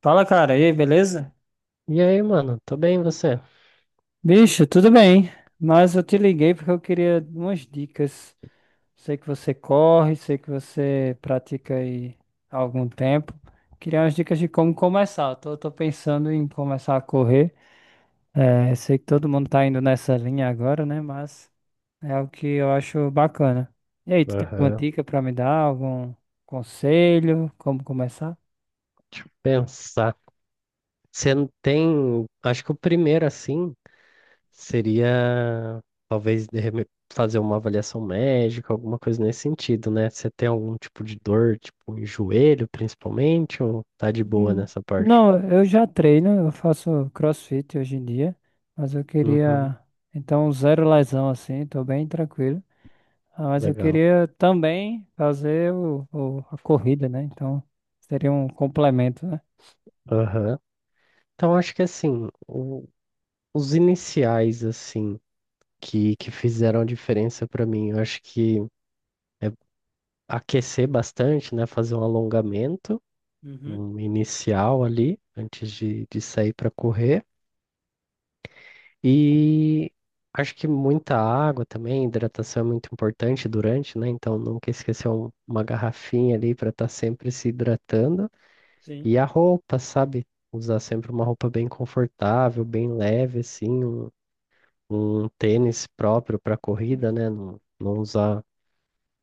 Fala, cara. E aí, beleza? E aí, mano? Tô bem, você? Bicho, tudo bem. Mas eu te liguei porque eu queria umas dicas. Sei que você corre, sei que você pratica aí há algum tempo. Queria umas dicas de como começar. Eu tô pensando em começar a correr. É, sei que todo mundo tá indo nessa linha agora, né? Mas é o que eu acho bacana. E aí, tu tem alguma Aham. dica pra me dar? Algum conselho? Como começar? Deixa eu pensar. Você não tem. Acho que o primeiro, assim, seria talvez de fazer uma avaliação médica, alguma coisa nesse sentido, né? Você tem algum tipo de dor, tipo em joelho, principalmente, ou tá de boa Hum. nessa parte? Não, eu já treino, eu faço CrossFit hoje em dia, mas eu Uhum. queria, então, zero lesão assim, tô bem tranquilo. Ah, mas eu Legal. queria também fazer a corrida, né? Então, seria um complemento, né? Aham. Então, acho que assim, os iniciais, assim, que fizeram diferença pra mim, eu acho que é aquecer bastante, né? Fazer um alongamento, Uhum, um inicial ali, antes de sair para correr. E acho que muita água também, hidratação é muito importante durante, né? Então nunca esquecer uma garrafinha ali para estar sempre se hidratando. sim, E a roupa, sabe? Usar sempre uma roupa bem confortável, bem leve, assim, um tênis próprio para corrida, né? Não, não usar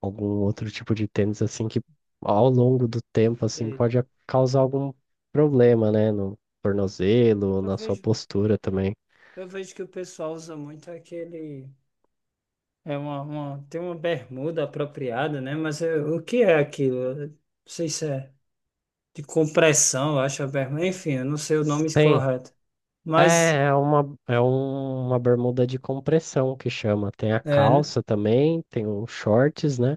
algum outro tipo de tênis assim que ao longo do tempo assim sei. pode causar algum problema, né, no tornozelo, Eu na sua vejo, postura também. eu vejo que o pessoal usa muito aquele. É tem uma bermuda apropriada, né? Mas o que é aquilo? Eu não sei, de compressão, eu acho a berma. Enfim, eu não sei o nome Sim, correto. Mas, é uma uma bermuda de compressão que chama. Tem a é, né? calça também, tem os shorts, né?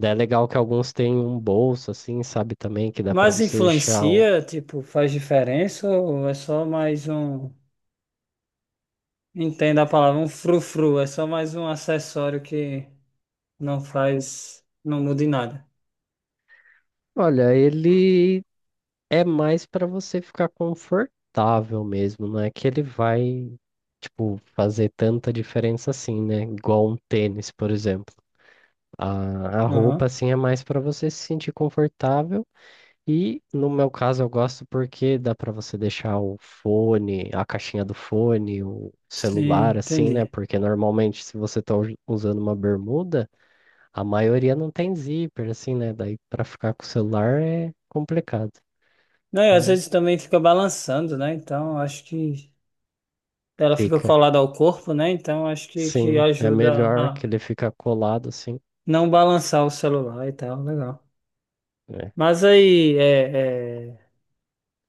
Daí é legal que alguns têm um bolso assim, sabe também que dá pra Mas você deixar. Influencia, tipo, faz diferença ou é só mais um, entenda a palavra, um frufru, é só mais um acessório que não faz, não muda em nada. Olha, ele é mais pra você ficar confortável mesmo, não é que ele vai, tipo, fazer tanta diferença assim, né? Igual um tênis, por exemplo. A roupa, Aham. assim, é mais pra você se sentir confortável. E no meu caso eu gosto porque dá pra você deixar o fone, a caixinha do fone, o Sim, celular, assim, né? entendi. Porque normalmente se você tá usando uma bermuda, a maioria não tem zíper, assim, né? Daí pra ficar com o celular é complicado. Não, e às Então vezes também fica balançando, né? Então, acho que ela fica fica. colada ao corpo, né? Então, acho que Sim, é ajuda melhor que a ele fica colado assim, não balançar o celular e tal, legal. né? Mas aí, é, é,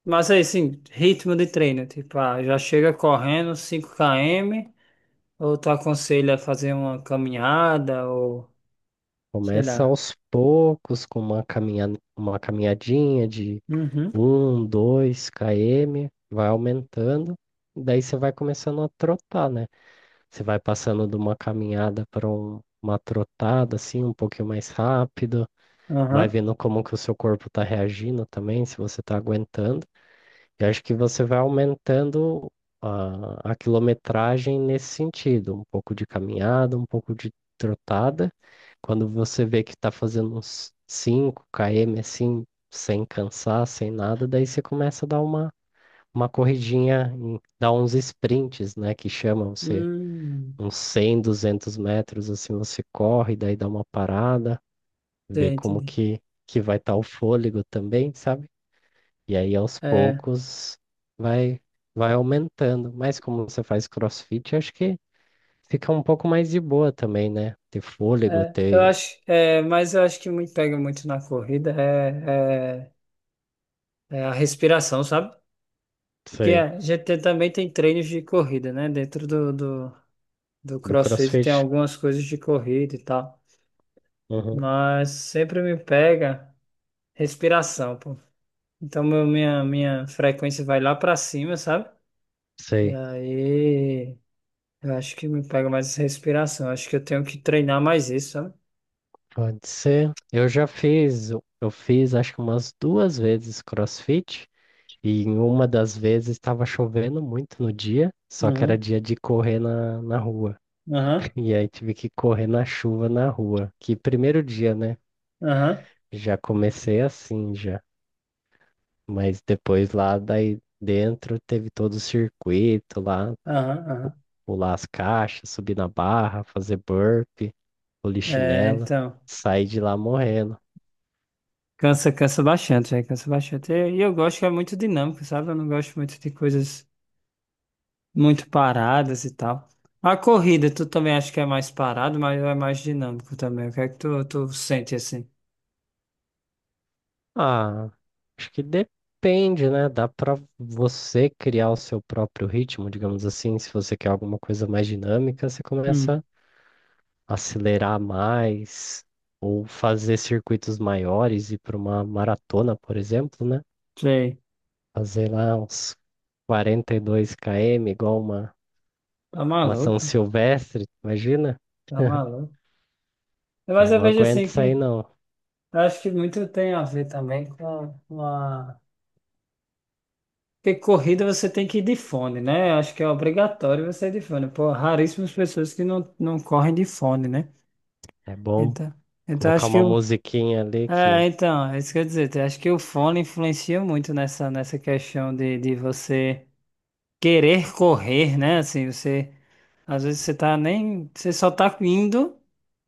mas aí, sim, ritmo de treino, tipo, ah, já chega correndo 5 km, ou tu aconselha a fazer uma caminhada, ou sei Começa lá. aos poucos com uma caminhadinha de Uhum, um 2 km, vai aumentando, daí você vai começando a trotar, né? Você vai passando de uma caminhada para uma trotada assim, um pouquinho mais rápido, vai aham. vendo como que o seu corpo está reagindo também, se você está aguentando. Eu acho que você vai aumentando a quilometragem nesse sentido, um pouco de caminhada, um pouco de trotada. Quando você vê que está fazendo uns 5 km assim, sem cansar, sem nada, daí você começa a dar uma corridinha, dar uns sprints, né, que chama você Hum, uns 100 200 metros, assim você corre, daí dá uma parada, entendi. vê como entendi. que vai estar o fôlego também, sabe? E aí aos É, poucos vai vai aumentando. Mas como você faz CrossFit, acho que fica um pouco mais de boa também, né? Ter fôlego, eu ter, acho, mas eu acho que me pega muito na corrida é a respiração, sabe? Porque sei, a gente também tem treinos de corrida, né? Dentro do, do CrossFit tem CrossFit. algumas coisas de corrida e tal. Uhum. Mas sempre me pega respiração, pô. Então minha frequência vai lá pra cima, sabe? E Sei. aí eu acho que me pega mais respiração. Acho que eu tenho que treinar mais isso, sabe? Pode ser. Eu fiz acho que umas duas vezes CrossFit. E em uma das vezes estava chovendo muito no dia, só que era Uhum, dia de correr na rua. aham, E aí tive que correr na chuva na rua. Que primeiro dia, né? aham, Já comecei assim, já. Mas depois lá daí dentro teve todo o circuito lá, aham, aham. pular as caixas, subir na barra, fazer burpee, É, polichinela, então. sair de lá morrendo. Cansa, cansa bastante, velho, cansa bastante. E eu gosto que é muito dinâmico, sabe? Eu não gosto muito de coisas muito paradas e tal. A corrida, tu também acha que é mais parado, mas é mais dinâmico também. O que é que tu sente assim? Ah, acho que depende, né? Dá pra você criar o seu próprio ritmo, digamos assim, se você quer alguma coisa mais dinâmica, você Hum. começa a acelerar mais ou fazer circuitos maiores e para uma maratona, por exemplo, né? Sei. Fazer lá uns 42 km, igual uma, Tá uma São maluco, Silvestre, imagina? tá maluco. Eu Mas eu não vejo aguento assim isso aí, que não. eu acho que muito tem a ver também com porque corrida você tem que ir de fone, né? Acho que é obrigatório você ir de fone. Pô, raríssimas pessoas que não correm de fone, né? É bom Então, então colocar acho que uma o... musiquinha ali que, É, então, é isso que eu ia dizer. Eu acho que o fone influencia muito nessa questão de você querer correr, né? Assim, você... Às vezes você tá nem... Você só tá indo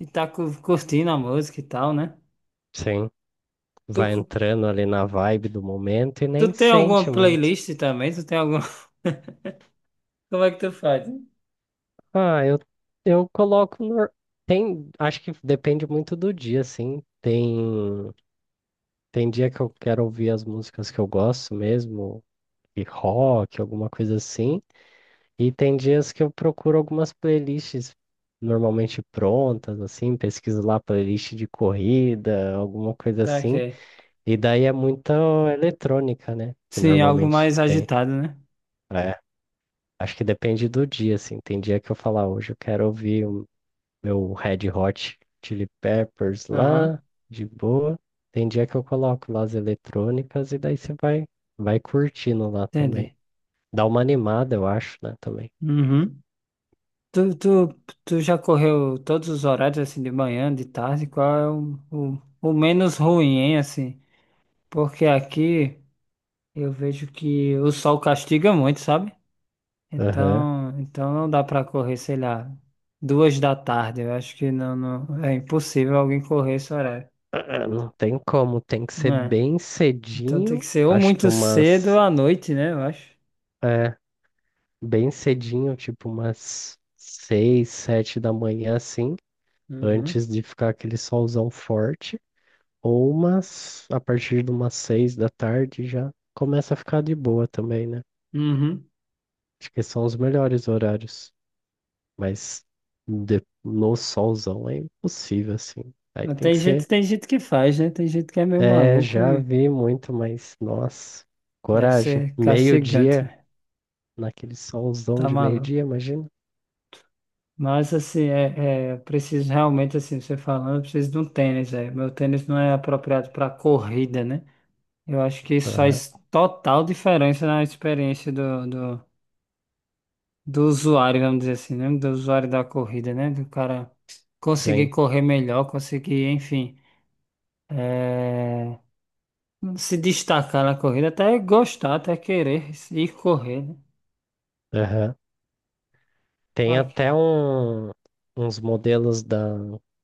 e tá curtindo a música e tal, né? sim, Tu, vai entrando ali na vibe do momento e tu nem tem sente alguma muito. playlist também? Tu tem alguma. Como é que tu faz? Ah, eu coloco. Acho que depende muito do dia, assim. Tem dia que eu quero ouvir as músicas que eu gosto mesmo, e rock, alguma coisa assim. E tem dias que eu procuro algumas playlists normalmente prontas, assim, pesquiso lá playlist de corrida, alguma coisa assim. Saquei. E daí é muita eletrônica, né? Que Sim, algo normalmente mais tem. agitado, né? É, acho que depende do dia, assim. Tem dia que eu falo, "Ah, hoje eu quero ouvir o meu Red Hot Chili Peppers lá, Aham, de boa." Tem dia que eu coloco lá as eletrônicas e daí você vai curtindo lá também. entendi. Dá uma animada, eu acho, né, também. Uhum. Tu, tu, tu já correu todos os horários, assim, de manhã, de tarde? Qual é o menos ruim, hein, assim? Porque aqui eu vejo que o sol castiga muito, sabe? Aham. Então não dá pra correr, sei lá, 2 da tarde. Eu acho que não, não, é impossível alguém correr esse horário. É, não tem como, tem que ser Né? bem Então tem cedinho. que ser ou Acho que muito cedo ou umas. à noite, né? Eu acho. É, bem cedinho, tipo umas seis, sete da manhã, assim, Uhum, antes de ficar aquele solzão forte. Ou umas. A partir de umas seis da tarde já começa a ficar de boa também, né? uhum. Acho que são os melhores horários. Mas no solzão é impossível, assim. Aí Mas tem que tem gente, ser. tem gente que faz, né? Tem gente que é meio É, maluco já e vi muito, mas nossa, deve coragem. ser castigante, Meio-dia. né? Naquele solzão Tá de maluco. meio-dia, imagina? Mas assim, eu preciso realmente, assim, você falando, eu preciso de um tênis, velho. Meu tênis não é apropriado para corrida, né? Eu acho que isso Aham, faz total diferença na experiência do, usuário, vamos dizer assim, né? Do usuário da corrida, né? Do cara conseguir sim. correr melhor, conseguir, enfim. é, Se destacar na corrida, até gostar, até querer ir correr, né? Aham. Tem Olha. até um, uns modelos da,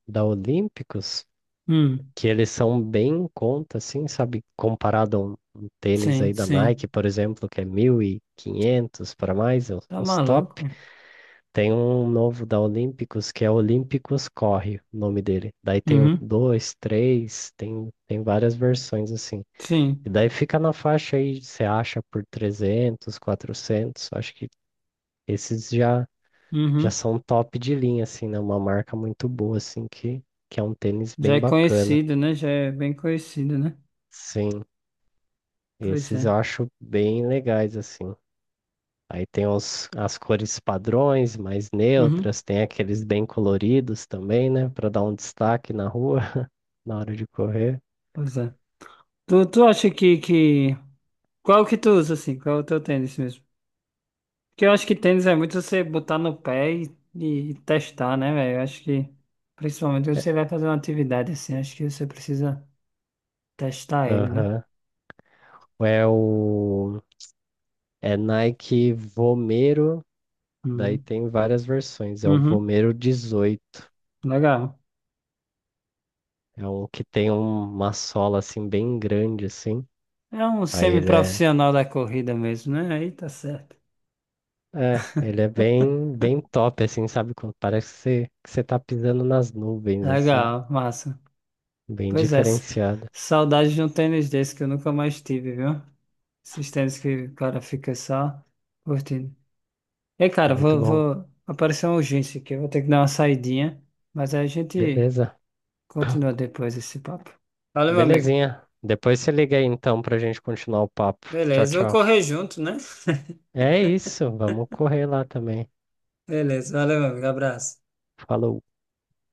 da Olímpicos Hum, que eles são bem em conta, assim, sabe? Comparado a um tênis sim, aí da sim. Nike, por exemplo, que é 1.500 para mais, os Tá os top. maluco, né? Tem um novo da Olímpicos que é Olímpicos Corre, o nome dele. Daí tem o Uhum, 2, 3, tem várias versões assim. E sim. daí fica na faixa aí, você acha por 300, 400. Acho que esses já Uhum. são top de linha, assim, né? Uma marca muito boa, assim, que é um tênis Já bem é bacana. conhecido, né? Já é bem conhecido, né? Sim, Pois é. esses eu acho bem legais, assim. Aí tem as cores padrões, mais Uhum, neutras, tem aqueles bem coloridos também, né? Pra dar um destaque na rua, na hora de correr. pois é. Tu acha qual que tu usa, assim? Qual é o teu tênis mesmo? Porque eu acho que tênis é muito você botar no pé e testar, né, velho? Eu acho que, principalmente, quando É. você vai fazer uma atividade assim, acho que você precisa testar ele, né? Aham. É o. É Nike Vomero. Daí Uhum. tem várias versões. É o Uhum. Vomero 18. Legal. É um que tem uma sola assim bem grande assim. É um Aí ele é, semi-profissional da corrida mesmo, né? Aí tá certo. é, ele é bem, bem top assim, sabe? Quando Parece que você tá pisando nas nuvens assim, Legal, massa. bem Pois é, diferenciado. saudade de um tênis desse que eu nunca mais tive, viu? Esses tênis que o cara fica só curtindo. Ei, cara, Muito bom. Aparecer uma urgência aqui, eu vou ter que dar uma saidinha, mas aí a gente Beleza. continua depois esse papo. Valeu, meu amigo. Belezinha. Depois você liga aí então pra gente continuar o papo. Tchau, Beleza, eu tchau. correr junto, né? É isso, vamos correr lá também. Beleza, valeu, meu amigo. Abraço. Falou.